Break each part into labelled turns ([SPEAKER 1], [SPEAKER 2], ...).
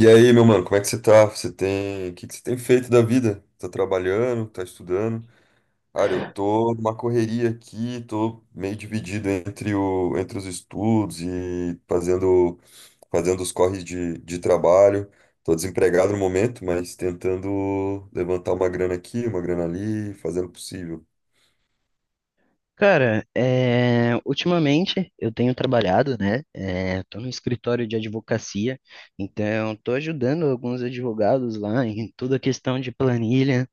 [SPEAKER 1] E aí, meu mano, como é que você tá? O que que você tem feito da vida? Tá trabalhando, tá estudando? Cara, eu tô numa correria aqui, tô meio dividido entre os estudos e fazendo os corres de trabalho. Tô desempregado no momento, mas tentando levantar uma grana aqui, uma grana ali, fazendo o possível.
[SPEAKER 2] Cara, ultimamente eu tenho trabalhado, né? Tô no escritório de advocacia, então tô ajudando alguns advogados lá em toda a questão de planilha.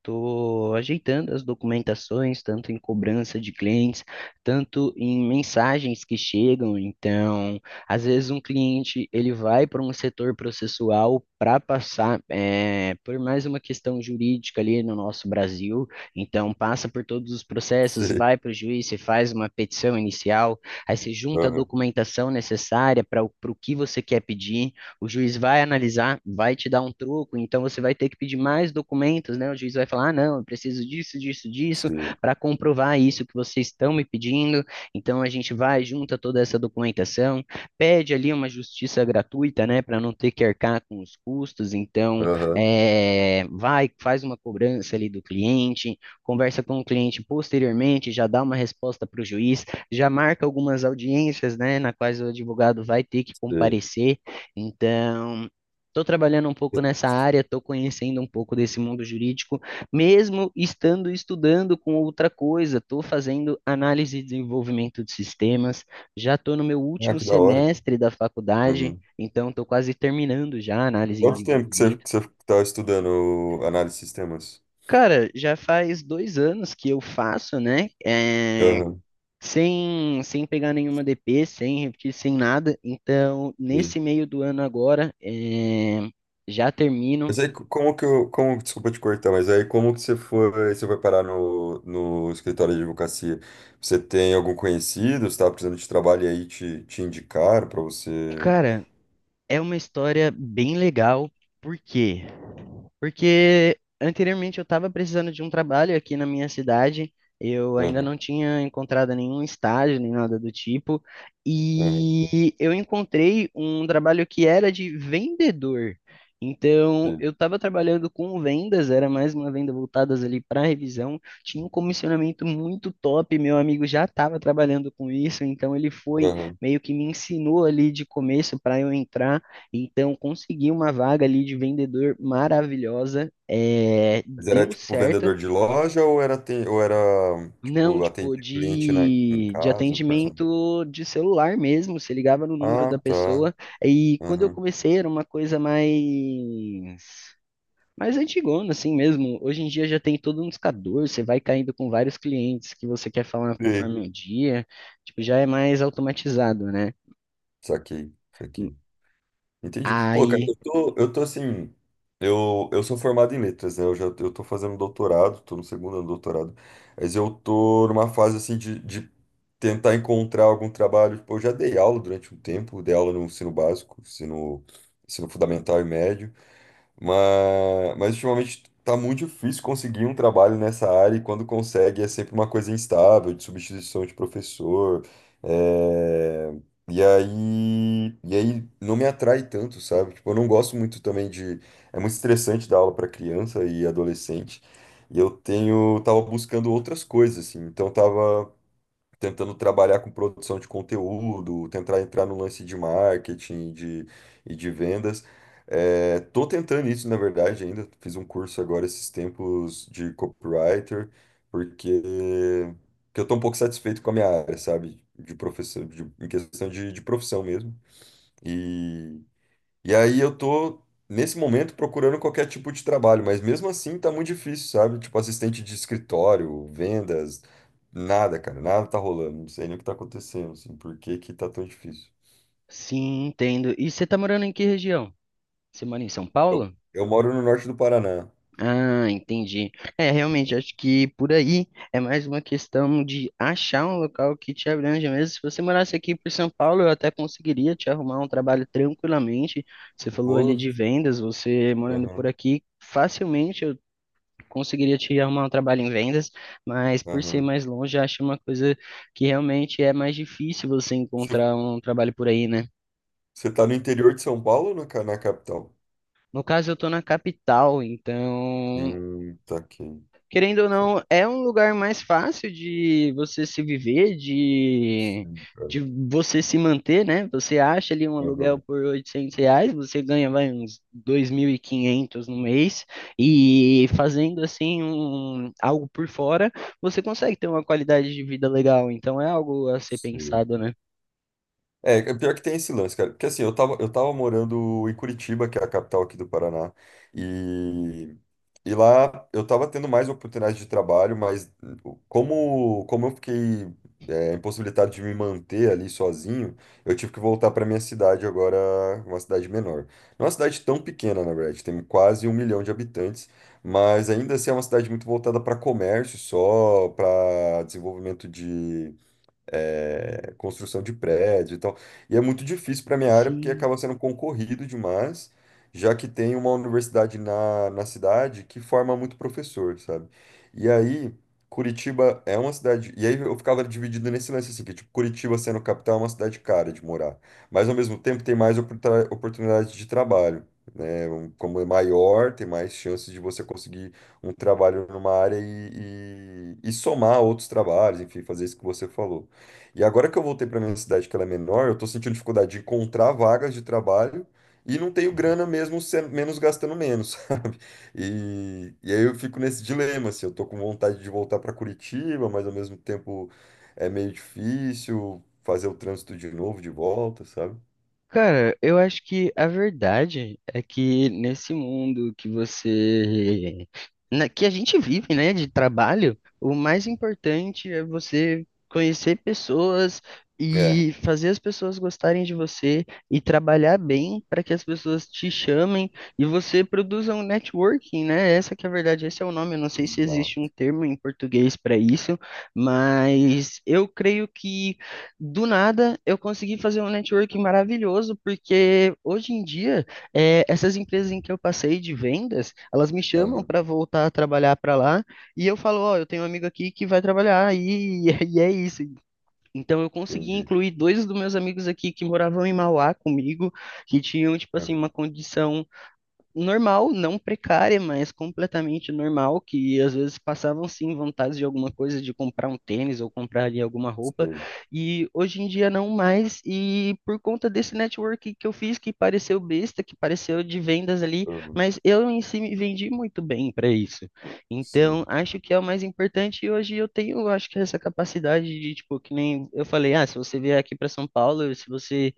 [SPEAKER 2] Estou ajeitando as documentações, tanto em cobrança de clientes, tanto em mensagens que chegam. Então, às vezes um cliente ele vai para um setor processual para passar por mais uma questão jurídica ali no nosso Brasil. Então, passa por todos os processos,
[SPEAKER 1] Sei.
[SPEAKER 2] vai para o juiz, você faz uma petição inicial, aí você junta a
[SPEAKER 1] Aham,
[SPEAKER 2] documentação necessária para o pro que você quer pedir. O juiz vai analisar, vai te dar um troco, então você vai ter que pedir mais documentos, né? O juiz vai falar, ah, não, eu preciso disso, disso, disso,
[SPEAKER 1] sei.
[SPEAKER 2] para comprovar isso que vocês estão me pedindo. Então a gente vai, junta toda essa documentação, pede ali uma justiça gratuita, né, para não ter que arcar com os custos. Então,
[SPEAKER 1] Aham,
[SPEAKER 2] vai, faz uma cobrança ali do cliente, conversa com o cliente posteriormente, já dá uma resposta para o juiz, já marca algumas audiências, né, na quais o advogado vai ter que
[SPEAKER 1] sei.
[SPEAKER 2] comparecer. Então, estou trabalhando um pouco nessa área, estou conhecendo um pouco desse mundo jurídico, mesmo estando estudando com outra coisa, estou fazendo análise e desenvolvimento de sistemas, já estou no meu
[SPEAKER 1] Ah,
[SPEAKER 2] último
[SPEAKER 1] que da hora.
[SPEAKER 2] semestre da faculdade,
[SPEAKER 1] Uhum.
[SPEAKER 2] então estou quase terminando já a análise e
[SPEAKER 1] Quanto tempo que você,
[SPEAKER 2] desenvolvimento.
[SPEAKER 1] que você tá estudando análise de sistemas?
[SPEAKER 2] Cara, já faz 2 anos que eu faço, né? É,
[SPEAKER 1] Aham,
[SPEAKER 2] sem, sem pegar nenhuma DP, sem repetir, sem nada. Então,
[SPEAKER 1] sim.
[SPEAKER 2] nesse meio do ano agora, já
[SPEAKER 1] Mas
[SPEAKER 2] termino.
[SPEAKER 1] aí, co- como que eu, como, desculpa te cortar, mas aí como que você foi parar no escritório de advocacia? Você tem algum conhecido, você estava precisando de trabalho e aí te indicaram para você?
[SPEAKER 2] Cara, é uma história bem legal, porque porque anteriormente eu estava precisando de um trabalho aqui na minha cidade, eu ainda
[SPEAKER 1] Aham,
[SPEAKER 2] não tinha encontrado nenhum estágio nem nada do tipo,
[SPEAKER 1] aham,
[SPEAKER 2] e eu encontrei um trabalho que era de vendedor. Então,
[SPEAKER 1] sim,
[SPEAKER 2] eu estava trabalhando com vendas, era mais uma venda voltadas ali para revisão. Tinha um comissionamento muito top, meu amigo já estava trabalhando com isso, então ele foi
[SPEAKER 1] aham.
[SPEAKER 2] meio que me ensinou ali de começo para eu entrar. Então, consegui uma vaga ali de vendedor maravilhosa,
[SPEAKER 1] Mas era
[SPEAKER 2] deu
[SPEAKER 1] tipo
[SPEAKER 2] certo.
[SPEAKER 1] vendedor de loja ou era
[SPEAKER 2] Não,
[SPEAKER 1] tipo
[SPEAKER 2] tipo,
[SPEAKER 1] atender cliente em
[SPEAKER 2] de
[SPEAKER 1] casa, pessoal?
[SPEAKER 2] atendimento de celular mesmo, você ligava no número
[SPEAKER 1] Ah,
[SPEAKER 2] da
[SPEAKER 1] tá.
[SPEAKER 2] pessoa. E quando eu
[SPEAKER 1] Aham.
[SPEAKER 2] comecei era uma coisa mais, mais antigona, assim mesmo. Hoje em dia já tem todo um discador, você vai caindo com vários clientes que você quer falar
[SPEAKER 1] Sim.
[SPEAKER 2] conforme o dia. Tipo, já é mais automatizado, né?
[SPEAKER 1] Saquei, saquei. Entendi. Pô, cara,
[SPEAKER 2] Aí,
[SPEAKER 1] eu tô assim. Eu sou formado em letras, né? Eu já eu tô fazendo doutorado, tô no segundo ano do doutorado. Mas eu tô numa fase, assim, de tentar encontrar algum trabalho. Tipo, eu já dei aula durante um tempo, dei aula no ensino básico, ensino fundamental e médio. Mas ultimamente tá muito difícil conseguir um trabalho nessa área, e quando consegue é sempre uma coisa instável, de substituição de professor. é, e aí não me atrai tanto, sabe? Tipo, eu não gosto muito também de. É muito estressante dar aula para criança e adolescente. E eu tava buscando outras coisas, assim. Então tava tentando trabalhar com produção de conteúdo, tentar entrar no lance de marketing e de vendas. É, tô tentando isso, na verdade, ainda. Fiz um curso agora esses tempos de copywriter, porque, porque eu tô um pouco satisfeito com a minha área, sabe? De profissão, em questão de profissão mesmo. E aí eu tô, nesse momento, procurando qualquer tipo de trabalho, mas mesmo assim tá muito difícil, sabe? Tipo, assistente de escritório, vendas, nada, cara, nada tá rolando. Não sei nem o que tá acontecendo, assim, por que que tá tão difícil.
[SPEAKER 2] sim, entendo. E você tá morando em que região? Você mora em São
[SPEAKER 1] Eu,
[SPEAKER 2] Paulo?
[SPEAKER 1] eu moro no norte do Paraná.
[SPEAKER 2] Ah, entendi. É, realmente, acho que por aí é mais uma questão de achar um local que te abrange mesmo. Se você morasse aqui por São Paulo, eu até conseguiria te arrumar um trabalho tranquilamente. Você falou ali
[SPEAKER 1] Pô,
[SPEAKER 2] de vendas, você morando por
[SPEAKER 1] aham,
[SPEAKER 2] aqui, facilmente eu conseguiria te arrumar um trabalho em vendas, mas por ser
[SPEAKER 1] aham.
[SPEAKER 2] mais longe, acho uma coisa que realmente é mais difícil você
[SPEAKER 1] Você
[SPEAKER 2] encontrar um trabalho por aí, né?
[SPEAKER 1] você tá no interior de São Paulo ou na capital?
[SPEAKER 2] No caso, eu tô na capital, então
[SPEAKER 1] Tá aqui.
[SPEAKER 2] querendo ou
[SPEAKER 1] Isso aqui.
[SPEAKER 2] não, é um lugar mais fácil de você se viver, de,
[SPEAKER 1] Sim, cara.
[SPEAKER 2] de você se manter, né? Você acha ali um aluguel
[SPEAKER 1] Aham,
[SPEAKER 2] por R$ 800, você ganha vai, uns 2.500 no mês, e fazendo assim um, algo por fora, você consegue ter uma qualidade de vida legal. Então é algo a ser
[SPEAKER 1] sei.
[SPEAKER 2] pensado, né?
[SPEAKER 1] É pior que tem esse lance, cara. Porque assim, eu tava morando em Curitiba, que é a capital aqui do Paraná, e, e lá eu tava tendo mais oportunidades de trabalho, mas como eu fiquei, impossibilitado de me manter ali sozinho, eu tive que voltar pra minha cidade agora, uma cidade menor. Não é uma cidade tão pequena, na verdade, tem quase 1 milhão de habitantes, mas ainda assim é uma cidade muito voltada para comércio só, para desenvolvimento, construção de prédio e tal. E é muito difícil para minha área porque
[SPEAKER 2] Sim.
[SPEAKER 1] acaba sendo concorrido demais, já que tem uma universidade na cidade que forma muito professor, sabe? E aí, Curitiba é uma cidade. E aí eu ficava dividido nesse lance assim, que tipo, Curitiba sendo capital é uma cidade cara de morar, mas ao mesmo tempo tem mais oportunidades de trabalho. Né. Como é maior, tem mais chances de você conseguir um trabalho numa área e somar outros trabalhos, enfim, fazer isso que você falou. E agora que eu voltei para minha cidade, que ela é menor, eu tô sentindo dificuldade de encontrar vagas de trabalho e não tenho grana mesmo, menos, gastando menos, sabe? E aí eu fico nesse dilema, assim, eu tô com vontade de voltar para Curitiba, mas ao mesmo tempo é meio difícil fazer o trânsito de novo, de volta, sabe?
[SPEAKER 2] Cara, eu acho que a verdade é que nesse mundo que você, que a gente vive, né, de trabalho, o mais importante é você conhecer pessoas
[SPEAKER 1] É,
[SPEAKER 2] e fazer as pessoas gostarem de você e trabalhar bem para que as pessoas te chamem e você produza um networking, né? Essa que é a verdade, esse é o nome. Eu não sei se existe um
[SPEAKER 1] exato.
[SPEAKER 2] termo em português para isso, mas eu creio que do nada, eu consegui fazer um networking maravilhoso, porque hoje em dia, essas empresas em que eu passei de vendas, elas me chamam
[SPEAKER 1] Aham,
[SPEAKER 2] para voltar a trabalhar para lá, e eu falo, ó, eu tenho um amigo aqui que vai trabalhar, e, e é isso. Então, eu consegui
[SPEAKER 1] entendi.
[SPEAKER 2] incluir dois dos meus amigos aqui que moravam em Mauá comigo, que tinham, tipo assim,
[SPEAKER 1] Aham,
[SPEAKER 2] uma condição normal, não precária, mas completamente normal, que às vezes passavam sim vontade de alguma coisa, de comprar um tênis ou comprar ali alguma roupa,
[SPEAKER 1] sim,
[SPEAKER 2] e hoje em dia não mais, e por conta desse network que eu fiz, que pareceu besta, que pareceu de vendas ali,
[SPEAKER 1] aham,
[SPEAKER 2] mas eu em si me vendi muito bem para isso.
[SPEAKER 1] sim,
[SPEAKER 2] Então, acho que é o mais importante, e hoje eu tenho, acho que essa capacidade de, tipo, que nem eu falei, ah, se você vier aqui para São Paulo, se você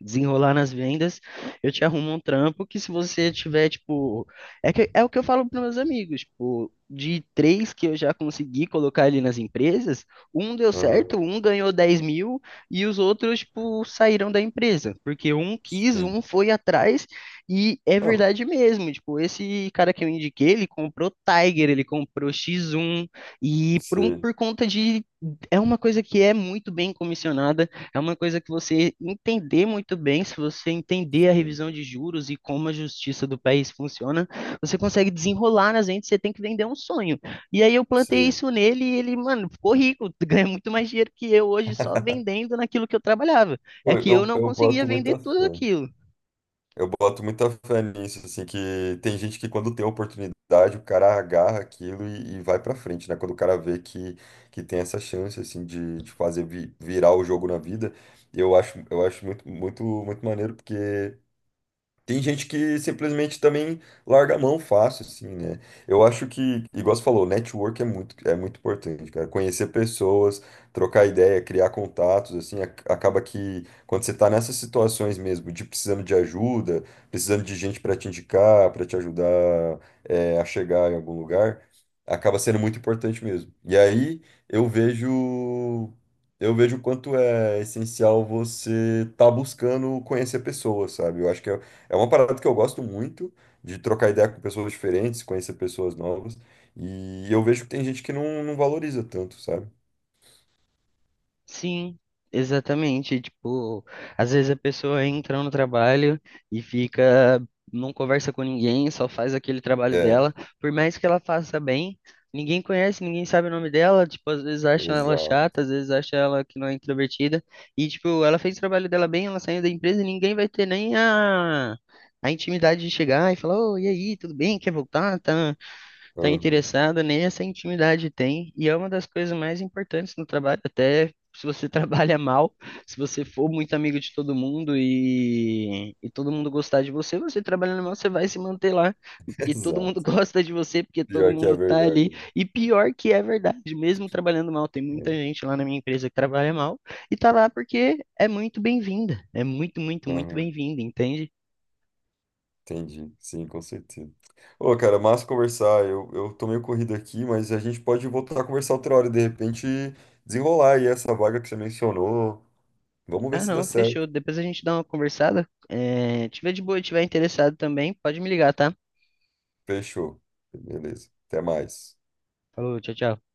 [SPEAKER 2] desenrolar nas vendas, eu te arrumo um trampo que se você tiver, tipo, é que, é o que eu falo para meus amigos, tipo, de três que eu já consegui colocar ali nas empresas, um deu
[SPEAKER 1] aham,
[SPEAKER 2] certo, um ganhou 10 mil e os outros, tipo, saíram da empresa, porque um quis,
[SPEAKER 1] sim.
[SPEAKER 2] um foi atrás e é
[SPEAKER 1] Ah,
[SPEAKER 2] verdade mesmo, tipo, esse cara que eu indiquei, ele comprou Tiger, ele comprou X1 e por, um,
[SPEAKER 1] sim,
[SPEAKER 2] por conta de, é uma coisa que é muito bem comissionada, é uma coisa que você entender muito bem, se você entender a
[SPEAKER 1] sim,
[SPEAKER 2] revisão de juros e como a justiça do país funciona, você consegue desenrolar nas vendas, você tem que vender um sonho. E aí eu plantei
[SPEAKER 1] sim.
[SPEAKER 2] isso nele e ele, mano, ficou rico, ganha muito mais dinheiro que eu hoje só vendendo naquilo que eu trabalhava. É
[SPEAKER 1] Pô,
[SPEAKER 2] que eu
[SPEAKER 1] Eu,
[SPEAKER 2] não
[SPEAKER 1] eu
[SPEAKER 2] conseguia
[SPEAKER 1] boto
[SPEAKER 2] vender
[SPEAKER 1] muita
[SPEAKER 2] tudo
[SPEAKER 1] fé.
[SPEAKER 2] aquilo.
[SPEAKER 1] Eu boto muita fé nisso, assim, que tem gente que quando tem oportunidade, o cara agarra aquilo e vai pra frente, né? Quando o cara vê que tem essa chance, assim, de fazer virar o jogo na vida, eu acho muito, muito, muito maneiro, porque tem gente que simplesmente também larga a mão fácil, assim, né? Eu acho que, igual você falou, network é muito, importante, cara. Conhecer pessoas, trocar ideia, criar contatos, assim, acaba que quando você tá nessas situações mesmo, de precisando de ajuda, precisando de gente para te indicar, para te ajudar, é, a chegar em algum lugar, acaba sendo muito importante mesmo. E aí eu vejo. Eu vejo o quanto é essencial você estar buscando conhecer pessoas, sabe? Eu acho que é uma parada que eu gosto muito de trocar ideia com pessoas diferentes, conhecer pessoas novas. E eu vejo que tem gente que não, não valoriza tanto, sabe?
[SPEAKER 2] Sim, exatamente. Tipo, às vezes a pessoa entra no trabalho e fica, não conversa com ninguém, só faz aquele trabalho
[SPEAKER 1] É,
[SPEAKER 2] dela. Por mais que ela faça bem, ninguém conhece, ninguém sabe o nome dela. Tipo, às vezes acham ela
[SPEAKER 1] exato.
[SPEAKER 2] chata, às vezes acham ela que não é introvertida. E, tipo, ela fez o trabalho dela bem, ela saiu da empresa e ninguém vai ter nem a intimidade de chegar e falar, ô, e aí, tudo bem? Quer voltar? Tá? Está
[SPEAKER 1] Aham,
[SPEAKER 2] interessada, nem essa intimidade tem, e é uma das coisas mais importantes no trabalho, até se você trabalha mal, se você for muito amigo de todo mundo e todo mundo gostar de você, você trabalhando mal, você vai se manter lá, porque todo
[SPEAKER 1] exato.
[SPEAKER 2] mundo gosta de você, porque todo
[SPEAKER 1] Pior que é
[SPEAKER 2] mundo tá ali,
[SPEAKER 1] verdade,
[SPEAKER 2] e pior que é verdade, mesmo trabalhando mal, tem muita
[SPEAKER 1] né?
[SPEAKER 2] gente lá na minha empresa que trabalha mal, e tá lá porque é muito bem-vinda, é muito, muito,
[SPEAKER 1] É,
[SPEAKER 2] muito
[SPEAKER 1] aham,
[SPEAKER 2] bem-vinda, entende?
[SPEAKER 1] entendi. Sim, com certeza. Ô, cara, massa conversar. Eu tô meio corrido aqui, mas a gente pode voltar a conversar outra hora. De repente, desenrolar aí essa vaga que você mencionou. Vamos ver
[SPEAKER 2] Ah,
[SPEAKER 1] se dá
[SPEAKER 2] não,
[SPEAKER 1] certo.
[SPEAKER 2] fechou. Depois a gente dá uma conversada. É, tiver de boa, e tiver interessado também, pode me ligar, tá?
[SPEAKER 1] Fechou. Beleza. Até mais.
[SPEAKER 2] Falou, tchau, tchau.